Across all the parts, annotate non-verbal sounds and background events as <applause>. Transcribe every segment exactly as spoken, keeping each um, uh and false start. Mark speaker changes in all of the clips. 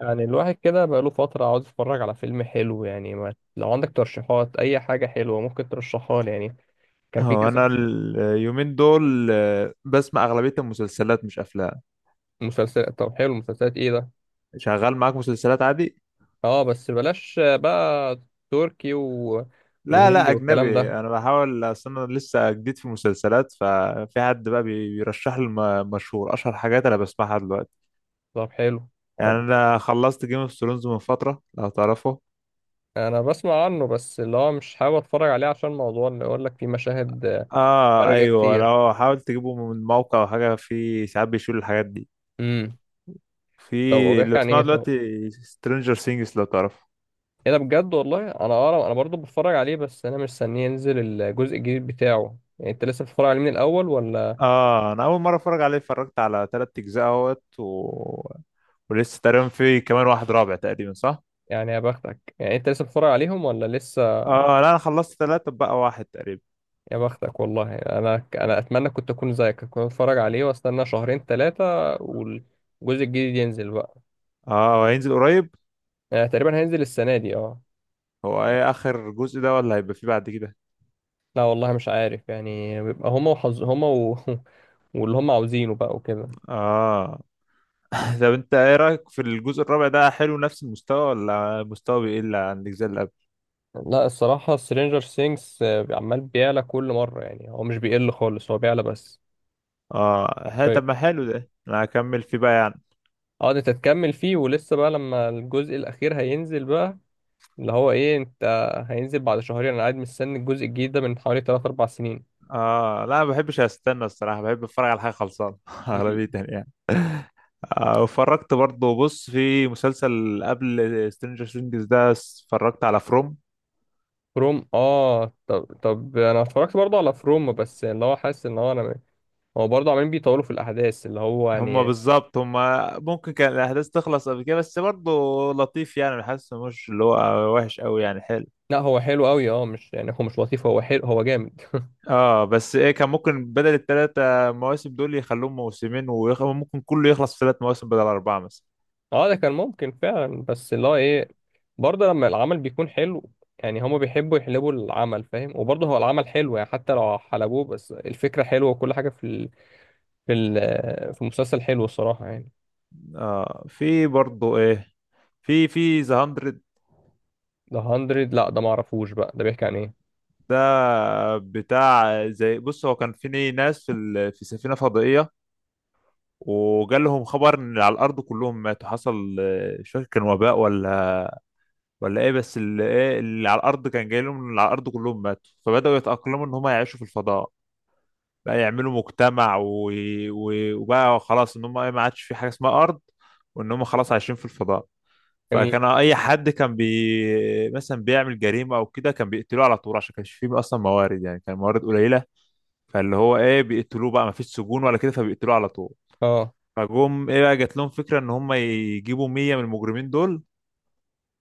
Speaker 1: يعني الواحد كده بقاله فترة عاوز يتفرج على فيلم حلو يعني، ما لو عندك ترشيحات أي حاجة حلوة ممكن ترشحها لي يعني، كان في
Speaker 2: هو
Speaker 1: كذا
Speaker 2: انا اليومين دول آه، بسمع اغلبيه المسلسلات مش افلام.
Speaker 1: مسلسل. طب حلو، مسلسلات إيه ده؟
Speaker 2: شغال معاك مسلسلات عادي.
Speaker 1: أه بس بلاش بقى. تركي و...
Speaker 2: لا لا
Speaker 1: وهندي والكلام ده.
Speaker 2: اجنبي، انا بحاول، اصل انا لسه جديد في المسلسلات، ففي حد بقى بي- بيرشح لي الم- مشهور اشهر حاجات انا بسمعها دلوقتي.
Speaker 1: طب حلو.
Speaker 2: يعني
Speaker 1: طب
Speaker 2: انا خلصت جيم اوف ثرونز من فتره لو تعرفه.
Speaker 1: أنا بسمع عنه بس اللي هو مش حابب أتفرج عليه عشان موضوع اللي يقول لك فيه مشاهد
Speaker 2: اه
Speaker 1: خارجة
Speaker 2: ايوه،
Speaker 1: كتير.
Speaker 2: انا حاولت اجيبه من موقع او حاجه، في ساعات بيشيل الحاجات دي.
Speaker 1: امم
Speaker 2: في
Speaker 1: طب هو
Speaker 2: اللي
Speaker 1: بيحكي عن إيه
Speaker 2: بسمعه
Speaker 1: طب؟
Speaker 2: دلوقتي سترينجر سينجز لو تعرفه.
Speaker 1: إيه ده بجد والله؟ أنا أقرأ، أنا برضو بتفرج عليه بس أنا مستنيه ينزل الجزء الجديد بتاعه، يعني أنت لسه بتتفرج عليه من الأول ولا؟
Speaker 2: اه انا اول مره اتفرج عليه، اتفرجت على تلات اجزاء اهوت و... ولسه تقريبا في كمان واحد رابع تقريبا صح.
Speaker 1: يعني يا بختك، يعني انت لسه بتتفرج عليهم ولا لسه؟
Speaker 2: اه لا انا خلصت تلاتة، بقى واحد تقريبا.
Speaker 1: يا بختك والله، انا انا اتمنى كنت اكون زيك، كنت اتفرج عليه واستنى شهرين ثلاثه والجزء الجديد ينزل بقى.
Speaker 2: اه وهينزل قريب.
Speaker 1: يعني تقريبا هينزل السنه دي اه؟
Speaker 2: هو
Speaker 1: يعني
Speaker 2: ايه اخر جزء ده ولا هيبقى فيه بعد كده؟
Speaker 1: لا والله مش عارف، يعني بيبقى هما وحظ هما و... <laughs> واللي هما عاوزينه بقى وكده.
Speaker 2: اه <laughs> طب انت ايه رايك في الجزء الرابع ده؟ حلو نفس المستوى ولا مستوى بيقل عن الاجزاء اللي قبل؟
Speaker 1: لا، الصراحه سترينجر سينجز عمال بيعلى كل مره، يعني هو مش بيقل خالص، هو بيعلى بس.
Speaker 2: اه ها،
Speaker 1: حرفيا.
Speaker 2: طب ما حلو ده، انا هكمل فيه بقى يعني.
Speaker 1: اه ده تتكمل فيه ولسه بقى، لما الجزء الاخير هينزل بقى، اللي هو ايه انت، هينزل بعد شهرين، انا قاعد مستني الجزء الجديد ده من حوالي تلاتة أربعة سنين.
Speaker 2: اه لا ما بحبش استنى الصراحه، بحب اتفرج على حاجه خلصانه <laughs>
Speaker 1: مم.
Speaker 2: اغلبيه يعني. آه، واتفرجت برضه، بص، في مسلسل قبل سترينجر ثينجز ده، اتفرجت على فروم.
Speaker 1: فروم، اه، طب طب انا اتفرجت برضه على فروم، بس اللي هو حاسس ان هو انا، هو برضه عمالين بيطولوا في الاحداث اللي هو
Speaker 2: هما
Speaker 1: يعني.
Speaker 2: بالظبط، هما ممكن كان الأحداث تخلص قبل كده، بس برضه لطيف يعني، حاسس مش اللي هو وحش قوي يعني، حلو.
Speaker 1: لا هو حلو قوي، اه مش يعني، هو مش لطيف، هو حلو، هو جامد.
Speaker 2: اه بس ايه، كان ممكن بدل الثلاثة مواسم دول يخلوهم موسمين، وممكن كله يخلص في ثلاث مواسم بدل أربعة مثلا.
Speaker 1: <laughs> اه ده كان ممكن فعلا بس اللي هو ايه، برضه لما العمل بيكون حلو، يعني هما بيحبوا يحلبوا العمل فاهم، وبرضه هو العمل حلو يعني، حتى لو حلبوه بس الفكرة حلوة وكل حاجة في ال... في ال... في المسلسل حلو الصراحة يعني.
Speaker 2: اه في برضه ايه، في في ذا 100.
Speaker 1: ده ذا هاندرد؟ لا ده ما اعرفوش بقى، ده بيحكي عن ايه؟
Speaker 2: ده بتاع، زي بص، هو كان في ناس في ال- في سفينة فضائية، وجالهم خبر ان اللي على الارض كلهم ماتوا. حصل آه، مش فاكر كان وباء ولا ولا ايه، بس اللي ايه اللي على الارض كان جاي لهم ان اللي على الارض كلهم ماتوا، فبداوا يتاقلموا ان هم يعيشوا في الفضاء، بقى يعملوا مجتمع و... و... وبقى خلاص ان هم ايه، ما عادش في حاجه اسمها ارض، وان هم خلاص عايشين في الفضاء.
Speaker 1: جميل.
Speaker 2: فكان اي حد كان بي مثلا بيعمل جريمه او كده كان بيقتلوه على طول، عشان كانش فيه اصلا موارد يعني، كان موارد قليله، فاللي هو ايه بيقتلوه، بقى ما فيش سجون ولا كده فبيقتلوه على طول.
Speaker 1: اه
Speaker 2: فجم ايه بقى، جات لهم فكرة ان هم يجيبوا مية من المجرمين دول،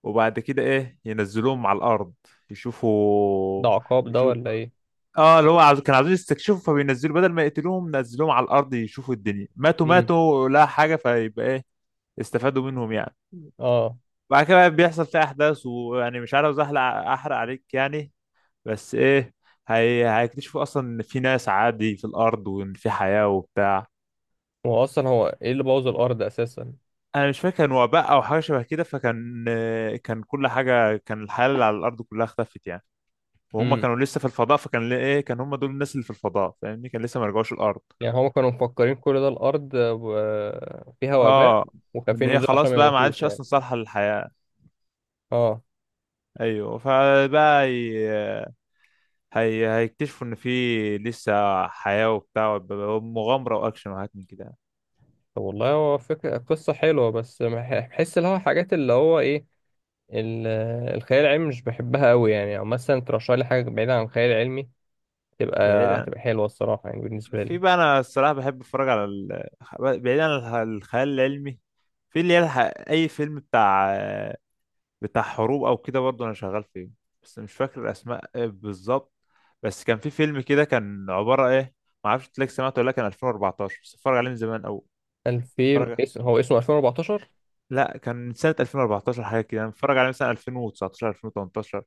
Speaker 2: وبعد كده ايه ينزلوهم على الارض
Speaker 1: ده
Speaker 2: يشوفوا.
Speaker 1: عقاب ده
Speaker 2: يشوف،
Speaker 1: ولا ايه؟
Speaker 2: اه اللي هو عاوز... كان عاوزين يستكشفوا، فبينزلوا بدل ما يقتلوهم نزلوهم على الارض يشوفوا الدنيا. ماتوا
Speaker 1: امم
Speaker 2: ماتوا لا حاجة، فيبقى ايه، استفادوا منهم يعني.
Speaker 1: اه.
Speaker 2: بعد كده بقى بيحصل في احداث، ويعني مش عاوز احرق احرق عليك يعني، بس ايه، هي... هيكتشفوا اصلا ان في ناس عادي في الارض، وان في حياة وبتاع.
Speaker 1: هو اصلا هو ايه اللي بوظ الارض اساسا؟
Speaker 2: انا مش فاكر، كان وباء او حاجه شبه كده، فكان آه، كان كل حاجه، كان الحياه اللي على الارض كلها اختفت يعني، وهم
Speaker 1: امم
Speaker 2: كانوا لسه في الفضاء، فكان ل- ايه كان هم دول الناس اللي في الفضاء، فاهمني، كان لسه ما رجعوش الارض.
Speaker 1: يعني هم كانوا مفكرين كل ده الارض آه، فيها وباء،
Speaker 2: اه ان
Speaker 1: وخايفين
Speaker 2: هي
Speaker 1: ينزلوا عشان
Speaker 2: خلاص
Speaker 1: ما
Speaker 2: بقى ما
Speaker 1: يموتوش
Speaker 2: عادش
Speaker 1: يعني.
Speaker 2: اصلا صالحه للحياه.
Speaker 1: اه.
Speaker 2: ايوه فبقى هي... هي... هيكتشفوا ان في لسه حياه وبتاع وب- ومغامره واكشن وحاجات من كده.
Speaker 1: طب والله، هو فكرة قصة حلوة بس مح- بحس اللي هو حاجات اللي هو ايه، ال- الخيال العلمي مش بحبها قوي يعني، او مثلا ترشح لي حاجة بعيدة عن الخيال العلمي، تبقى
Speaker 2: بعيدا،
Speaker 1: هتبقى حلوة الصراحة يعني بالنسبة
Speaker 2: في
Speaker 1: لي.
Speaker 2: بقى انا الصراحه بحب اتفرج على ال... بعيدا عن الخ- الخيال العلمي. في اللي هي الح- اي فيلم بتاع، بتاع حروب او كده برضه انا شغال فيه، بس مش فاكر الاسماء إيه بالظبط. بس كان في فيلم كده، كان عباره ايه، ما اعرفش تلاقي سمعته ولا لا، كان ألفين وأربعة عشر، بس اتفرج عليه من زمان، او
Speaker 1: ألفين
Speaker 2: اتفرج،
Speaker 1: اسم؟ هو اسمه ألفين واربعتاشر؟
Speaker 2: لا كان من سنه ألفين وأربعتاشر حاجه كده، انا متفرج عليه مثلا ألفين وتسعتاشر ألفين وتمنتاشر.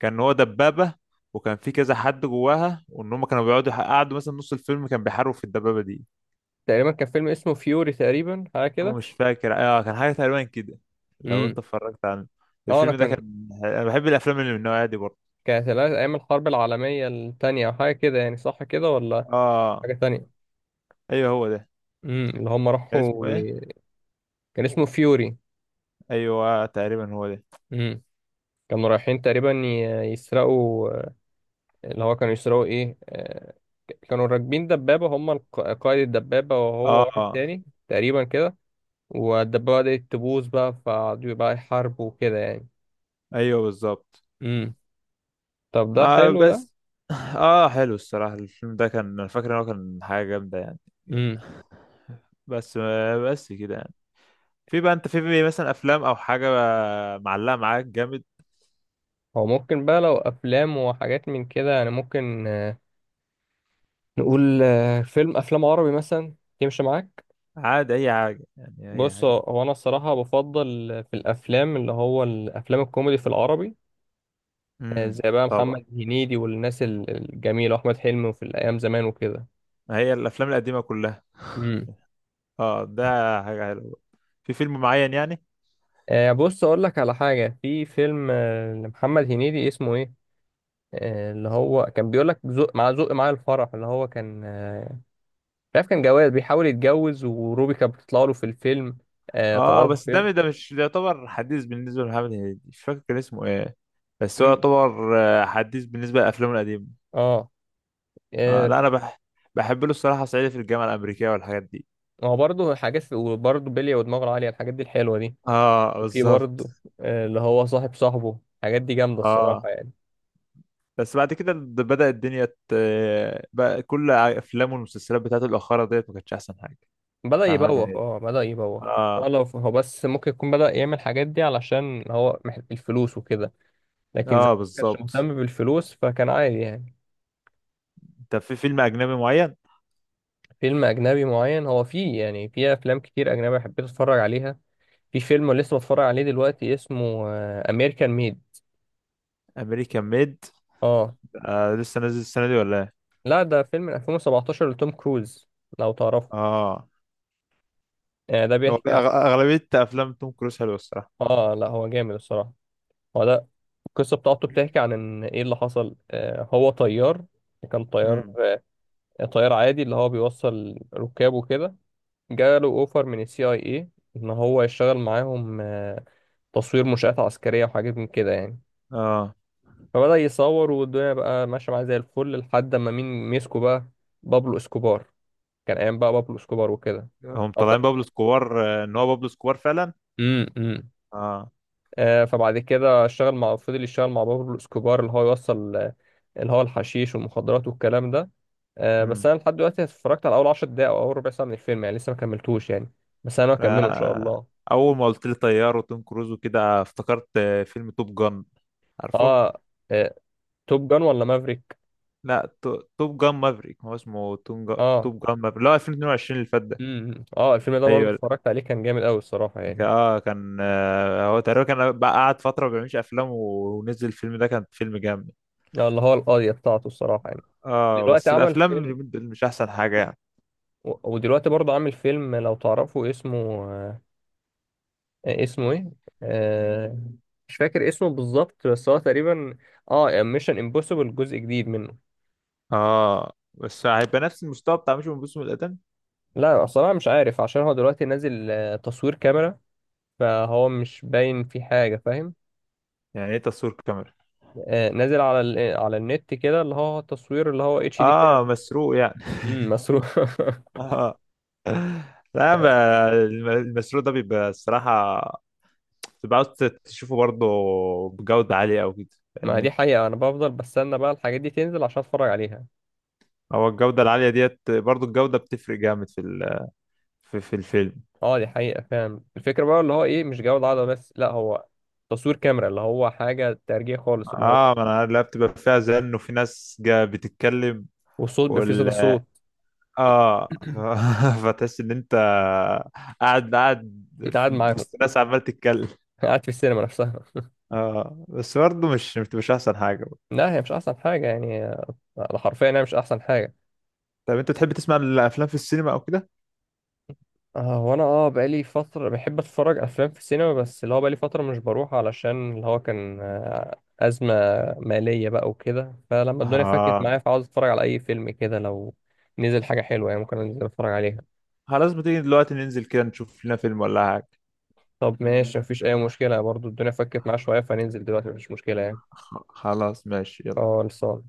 Speaker 2: كان هو دبابه، وكان في كذا حد جواها، وان هم كانوا بيقعدوا قعدوا مثلا نص الفيلم كان بيحاربوا في الدبابه دي.
Speaker 1: تقريبا كان فيلم اسمه فيوري، تقريبا حاجه
Speaker 2: انا
Speaker 1: كده.
Speaker 2: مش فاكر، اه كان حاجه تقريبا كده، لو
Speaker 1: امم
Speaker 2: انت اتفرجت عنه.
Speaker 1: اه، انا
Speaker 2: الفيلم ده
Speaker 1: كان
Speaker 2: كان، انا بحب الافلام اللي من النوعيه دي برضه.
Speaker 1: كانت الأ- ايام الحرب العالميه التانية او حاجه كده يعني، صح كده ولا
Speaker 2: اه
Speaker 1: حاجه تانية؟
Speaker 2: ايوه هو ده.
Speaker 1: امم اللي هم
Speaker 2: كان اسمه
Speaker 1: راحوا
Speaker 2: ايه؟
Speaker 1: ي- كان اسمه فيوري.
Speaker 2: ايوه تقريبا هو ده.
Speaker 1: امم كانوا رايحين تقريبا ي- يسرقوا، اللي هو كانوا يسرقوا ايه؟ آه، كانوا راكبين دبابه، هم الق- قائد الدبابه وهو واحد
Speaker 2: اه
Speaker 1: تاني، تقريبا كده. والدبابه بدأت تبوظ بقى فقعدوا بقى يحاربوا وكده يعني.
Speaker 2: ايوه بالظبط.
Speaker 1: امم طب ده
Speaker 2: آه
Speaker 1: حلو
Speaker 2: بس، اه حلو الصراحه، الفيلم ده كان، انا فاكر ان هو كان حاجه جامده يعني.
Speaker 1: ده.
Speaker 2: بس بس كده يعني. في بقى انت، في بقى مثلا افلام او حاجه معلقه معاك جامد؟
Speaker 1: هو ممكن بقى لو افلام وحاجات من كده، يعني ممكن، آه، نقول آه، فيلم، افلام عربي مثلا يمشي معاك؟
Speaker 2: عادي اي حاجه يعني، اي
Speaker 1: بص، هو
Speaker 2: حاجه.
Speaker 1: هو انا الصراحه بفضل آه، في الافلام اللي هو الافلام الكوميدي في العربي، آه،
Speaker 2: امم
Speaker 1: زي بقى
Speaker 2: طبعا.
Speaker 1: محمد هنيدي والناس ال- الجميله، واحمد حلمي، وفي الايام زمان وكده.
Speaker 2: هي الافلام القديمه كلها.
Speaker 1: امم
Speaker 2: اه ده حاجه حلوه. في فيلم معين يعني؟
Speaker 1: آه، بص اقول لك على حاجه. في فيلم آه، لمحمد هنيدي اسمه ايه، آه، اللي هو كان بيقول لك زق مع زق مع الفرح، اللي هو كان آه، مش عارف كان جواز بيحاول يتجوز، وروبي كانت بتطلع له في الفيلم، آه طلع
Speaker 2: اه
Speaker 1: له في
Speaker 2: بس
Speaker 1: الفيلم.
Speaker 2: ده، ده مش، ده يعتبر حديث بالنسبه لمحمد هنيدي، مش فاكر كان اسمه ايه، بس هو
Speaker 1: امم
Speaker 2: يعتبر آه، حديث بالنسبه لافلامه القديمه.
Speaker 1: اه.
Speaker 2: آه
Speaker 1: آه،
Speaker 2: لا انا بح... بحب له الصراحه صعيدي في الجامعه الامريكيه والحاجات دي.
Speaker 1: هو برضه حاجات وبرضه بلية ودماغه العالية، الحاجات دي الحلوة دي.
Speaker 2: اه
Speaker 1: وفي
Speaker 2: بالظبط.
Speaker 1: برضه، آه، اللي هو صاحب صاحبه، الحاجات دي جامدة
Speaker 2: اه
Speaker 1: الصراحة يعني.
Speaker 2: بس بعد كده د- بدأ الدنيا ت... بقى كل افلامه والمسلسلات بتاعته الاخيره ديت ما كانتش احسن حاجه،
Speaker 1: بدأ
Speaker 2: بتاع محمد
Speaker 1: يبوخ،
Speaker 2: هنيدي.
Speaker 1: اه بدأ يبوخ. ولا
Speaker 2: اه.
Speaker 1: هو، لو هو بس ممكن يكون بدأ يعمل الحاجات دي علشان هو محتاج الفلوس وكده، لكن زمان
Speaker 2: اه
Speaker 1: ما كانش
Speaker 2: بالظبط.
Speaker 1: مهتم بالفلوس فكان عادي يعني.
Speaker 2: انت في فيلم اجنبي معين؟
Speaker 1: فيلم أجنبي معين؟ هو فيه يعني فيه أفلام كتير أجنبي حبيت أتفرج عليها. في فيلم لسه بتفرج عليه دلوقتي اسمه امريكان ميد.
Speaker 2: امريكان ميد.
Speaker 1: اه،
Speaker 2: آه لسه نازل السنه دي ولا ايه؟
Speaker 1: لا ده فيلم من ألفين وسبعتاشر لتوم كروز، لو تعرفه.
Speaker 2: اه
Speaker 1: آه، ده
Speaker 2: هو أغ-
Speaker 1: بيحكي عن،
Speaker 2: اغلبيه افلام توم كروز حلوه الصراحه.
Speaker 1: اه لا هو جامد الصراحة. هو ده. القصة بتاعته بتحكي عن ان ايه اللي حصل، آه هو طيار، كان طيار،
Speaker 2: امم.
Speaker 1: آه، طيار عادي اللي هو بيوصل ركاب وكده. جاله اوفر من السي اي اي ان هو يشتغل معاهم، آه، تصوير منشآت عسكرية وحاجات من كده يعني.
Speaker 2: اه
Speaker 1: فبدأ يصور والدنيا بقى ماشية معاه زي الفل، لحد ما مين مسكه بقى؟ بابلو اسكوبار، كان ايام بقى بابلو اسكوبار وكده.
Speaker 2: هم طالعين
Speaker 1: أبطأ.
Speaker 2: بابلو سكوار. آه، ان هو بابلو سكوار فعلا.
Speaker 1: امم امم
Speaker 2: اه.
Speaker 1: آه، فبعد كده اشتغل مع، فضل يشتغل مع بابلو اسكوبار اللي هو يوصل آه، اللي هو الحشيش والمخدرات والكلام ده. آه، بس
Speaker 2: امم.
Speaker 1: انا لحد دلوقتي اتفرجت على اول عشر دقايق او اول ربع ساعه من الفيلم يعني، لسه ما كملتوش يعني، بس انا هكمله ان شاء
Speaker 2: آه.
Speaker 1: الله.
Speaker 2: اول ما قلت لي طيار وتوم كروز وكده، افتكرت آه، فيلم توب جان. عارفه؟
Speaker 1: اه, آه، توب جان ولا مافريك؟
Speaker 2: لا تو- توب جان مافريك، هو اسمه توم جا...
Speaker 1: اه.
Speaker 2: توب جان مافريك، لا ألفين واتنين وعشرين اللي فات ده.
Speaker 1: امم اه الفيلم ده برضه
Speaker 2: ايوه
Speaker 1: اتفرجت عليه، كان جامد قوي الصراحه
Speaker 2: ك-
Speaker 1: يعني،
Speaker 2: اه كان آه، هو تقريبا كان بقى قعد فتره ما بيعملش افلام و- ونزل الفيلم ده، كان فيلم جامد.
Speaker 1: آه، اللي هو القضيه بتاعته الصراحه يعني.
Speaker 2: اه
Speaker 1: دلوقتي
Speaker 2: بس
Speaker 1: عمل
Speaker 2: الافلام
Speaker 1: فيلم،
Speaker 2: اللي من دول مش احسن حاجه يعني.
Speaker 1: و- ودلوقتي برضه عامل فيلم لو تعرفوا اسمه، آه، اسمه ايه، آه، مش فاكر اسمه بالظبط بس هو تقريبا، اه، ميشن امبوسيبل جزء جديد منه.
Speaker 2: اه بس هيبقى نفس المستوى بتاع مش من القدم؟
Speaker 1: لا اصلا مش عارف عشان هو دلوقتي نازل آه، تصوير كاميرا، فهو مش باين في حاجه فاهم.
Speaker 2: يعني ايه تصوير كاميرا؟
Speaker 1: آه، نازل على ال... على النت كده، اللي هو تصوير، اللي هو اتش دي
Speaker 2: اه
Speaker 1: كام.
Speaker 2: مسروق يعني.
Speaker 1: امم مصروف <laughs>
Speaker 2: <laughs> اه لا ما- الم- المسروق ده بيبقى الصراحة، بتبقى عاوز تشوفه برضه بجودة عالية أو كده،
Speaker 1: ما دي
Speaker 2: فاهمني.
Speaker 1: حقيقه، انا بفضل بستنى بقى الحاجات دي تنزل عشان اتفرج عليها.
Speaker 2: هو الجودة العالية ديت برضه، الجودة بتفرق جامد في ال- في, في الفيلم.
Speaker 1: اه دي حقيقه، فاهم الفكره بقى اللي هو ايه، مش جوده عاليه بس، لا هو تصوير كاميرا اللي هو حاجه ترجيع خالص اللي هو،
Speaker 2: اه ما انا عارف، لا بتبقى فيها زن وفي ناس جا بتتكلم،
Speaker 1: والصوت بيبقى فيه
Speaker 2: وال
Speaker 1: صدى صوت.
Speaker 2: اه.
Speaker 1: <clears throat>
Speaker 2: <laughs> فتحس ان انت قاعد قاعد
Speaker 1: قاعد
Speaker 2: في
Speaker 1: معاهم،
Speaker 2: وسط ناس عمال تتكلم.
Speaker 1: قاعد في السينما نفسها.
Speaker 2: اه بس برضه مش مش احسن حاجة.
Speaker 1: لا هي مش احسن حاجه يعني، آه، انا حرفيا انا مش احسن حاجه.
Speaker 2: طب انت تحب تسمع الافلام في السينما او كده؟
Speaker 1: آه وانا اه بقالي فتره بحب اتفرج افلام في السينما، بس اللي هو بقالي فتره مش بروح علشان اللي هو كان آه، ازمه ماليه بقى وكده، فلما الدنيا فكت
Speaker 2: ها
Speaker 1: معايا فعاوز اتفرج على اي فيلم كده لو نزل حاجه حلوه يعني، ممكن انزل اتفرج عليها.
Speaker 2: خلاص، ما تيجي دلوقتي ننزل كده نشوف لنا فيلم ولا حاجه.
Speaker 1: طب ماشي مفيش اي مشكله برضو، الدنيا فكت معايا شويه فننزل دلوقتي مفيش مشكله يعني.
Speaker 2: خ- خلاص ماشي يلا.
Speaker 1: اه لسه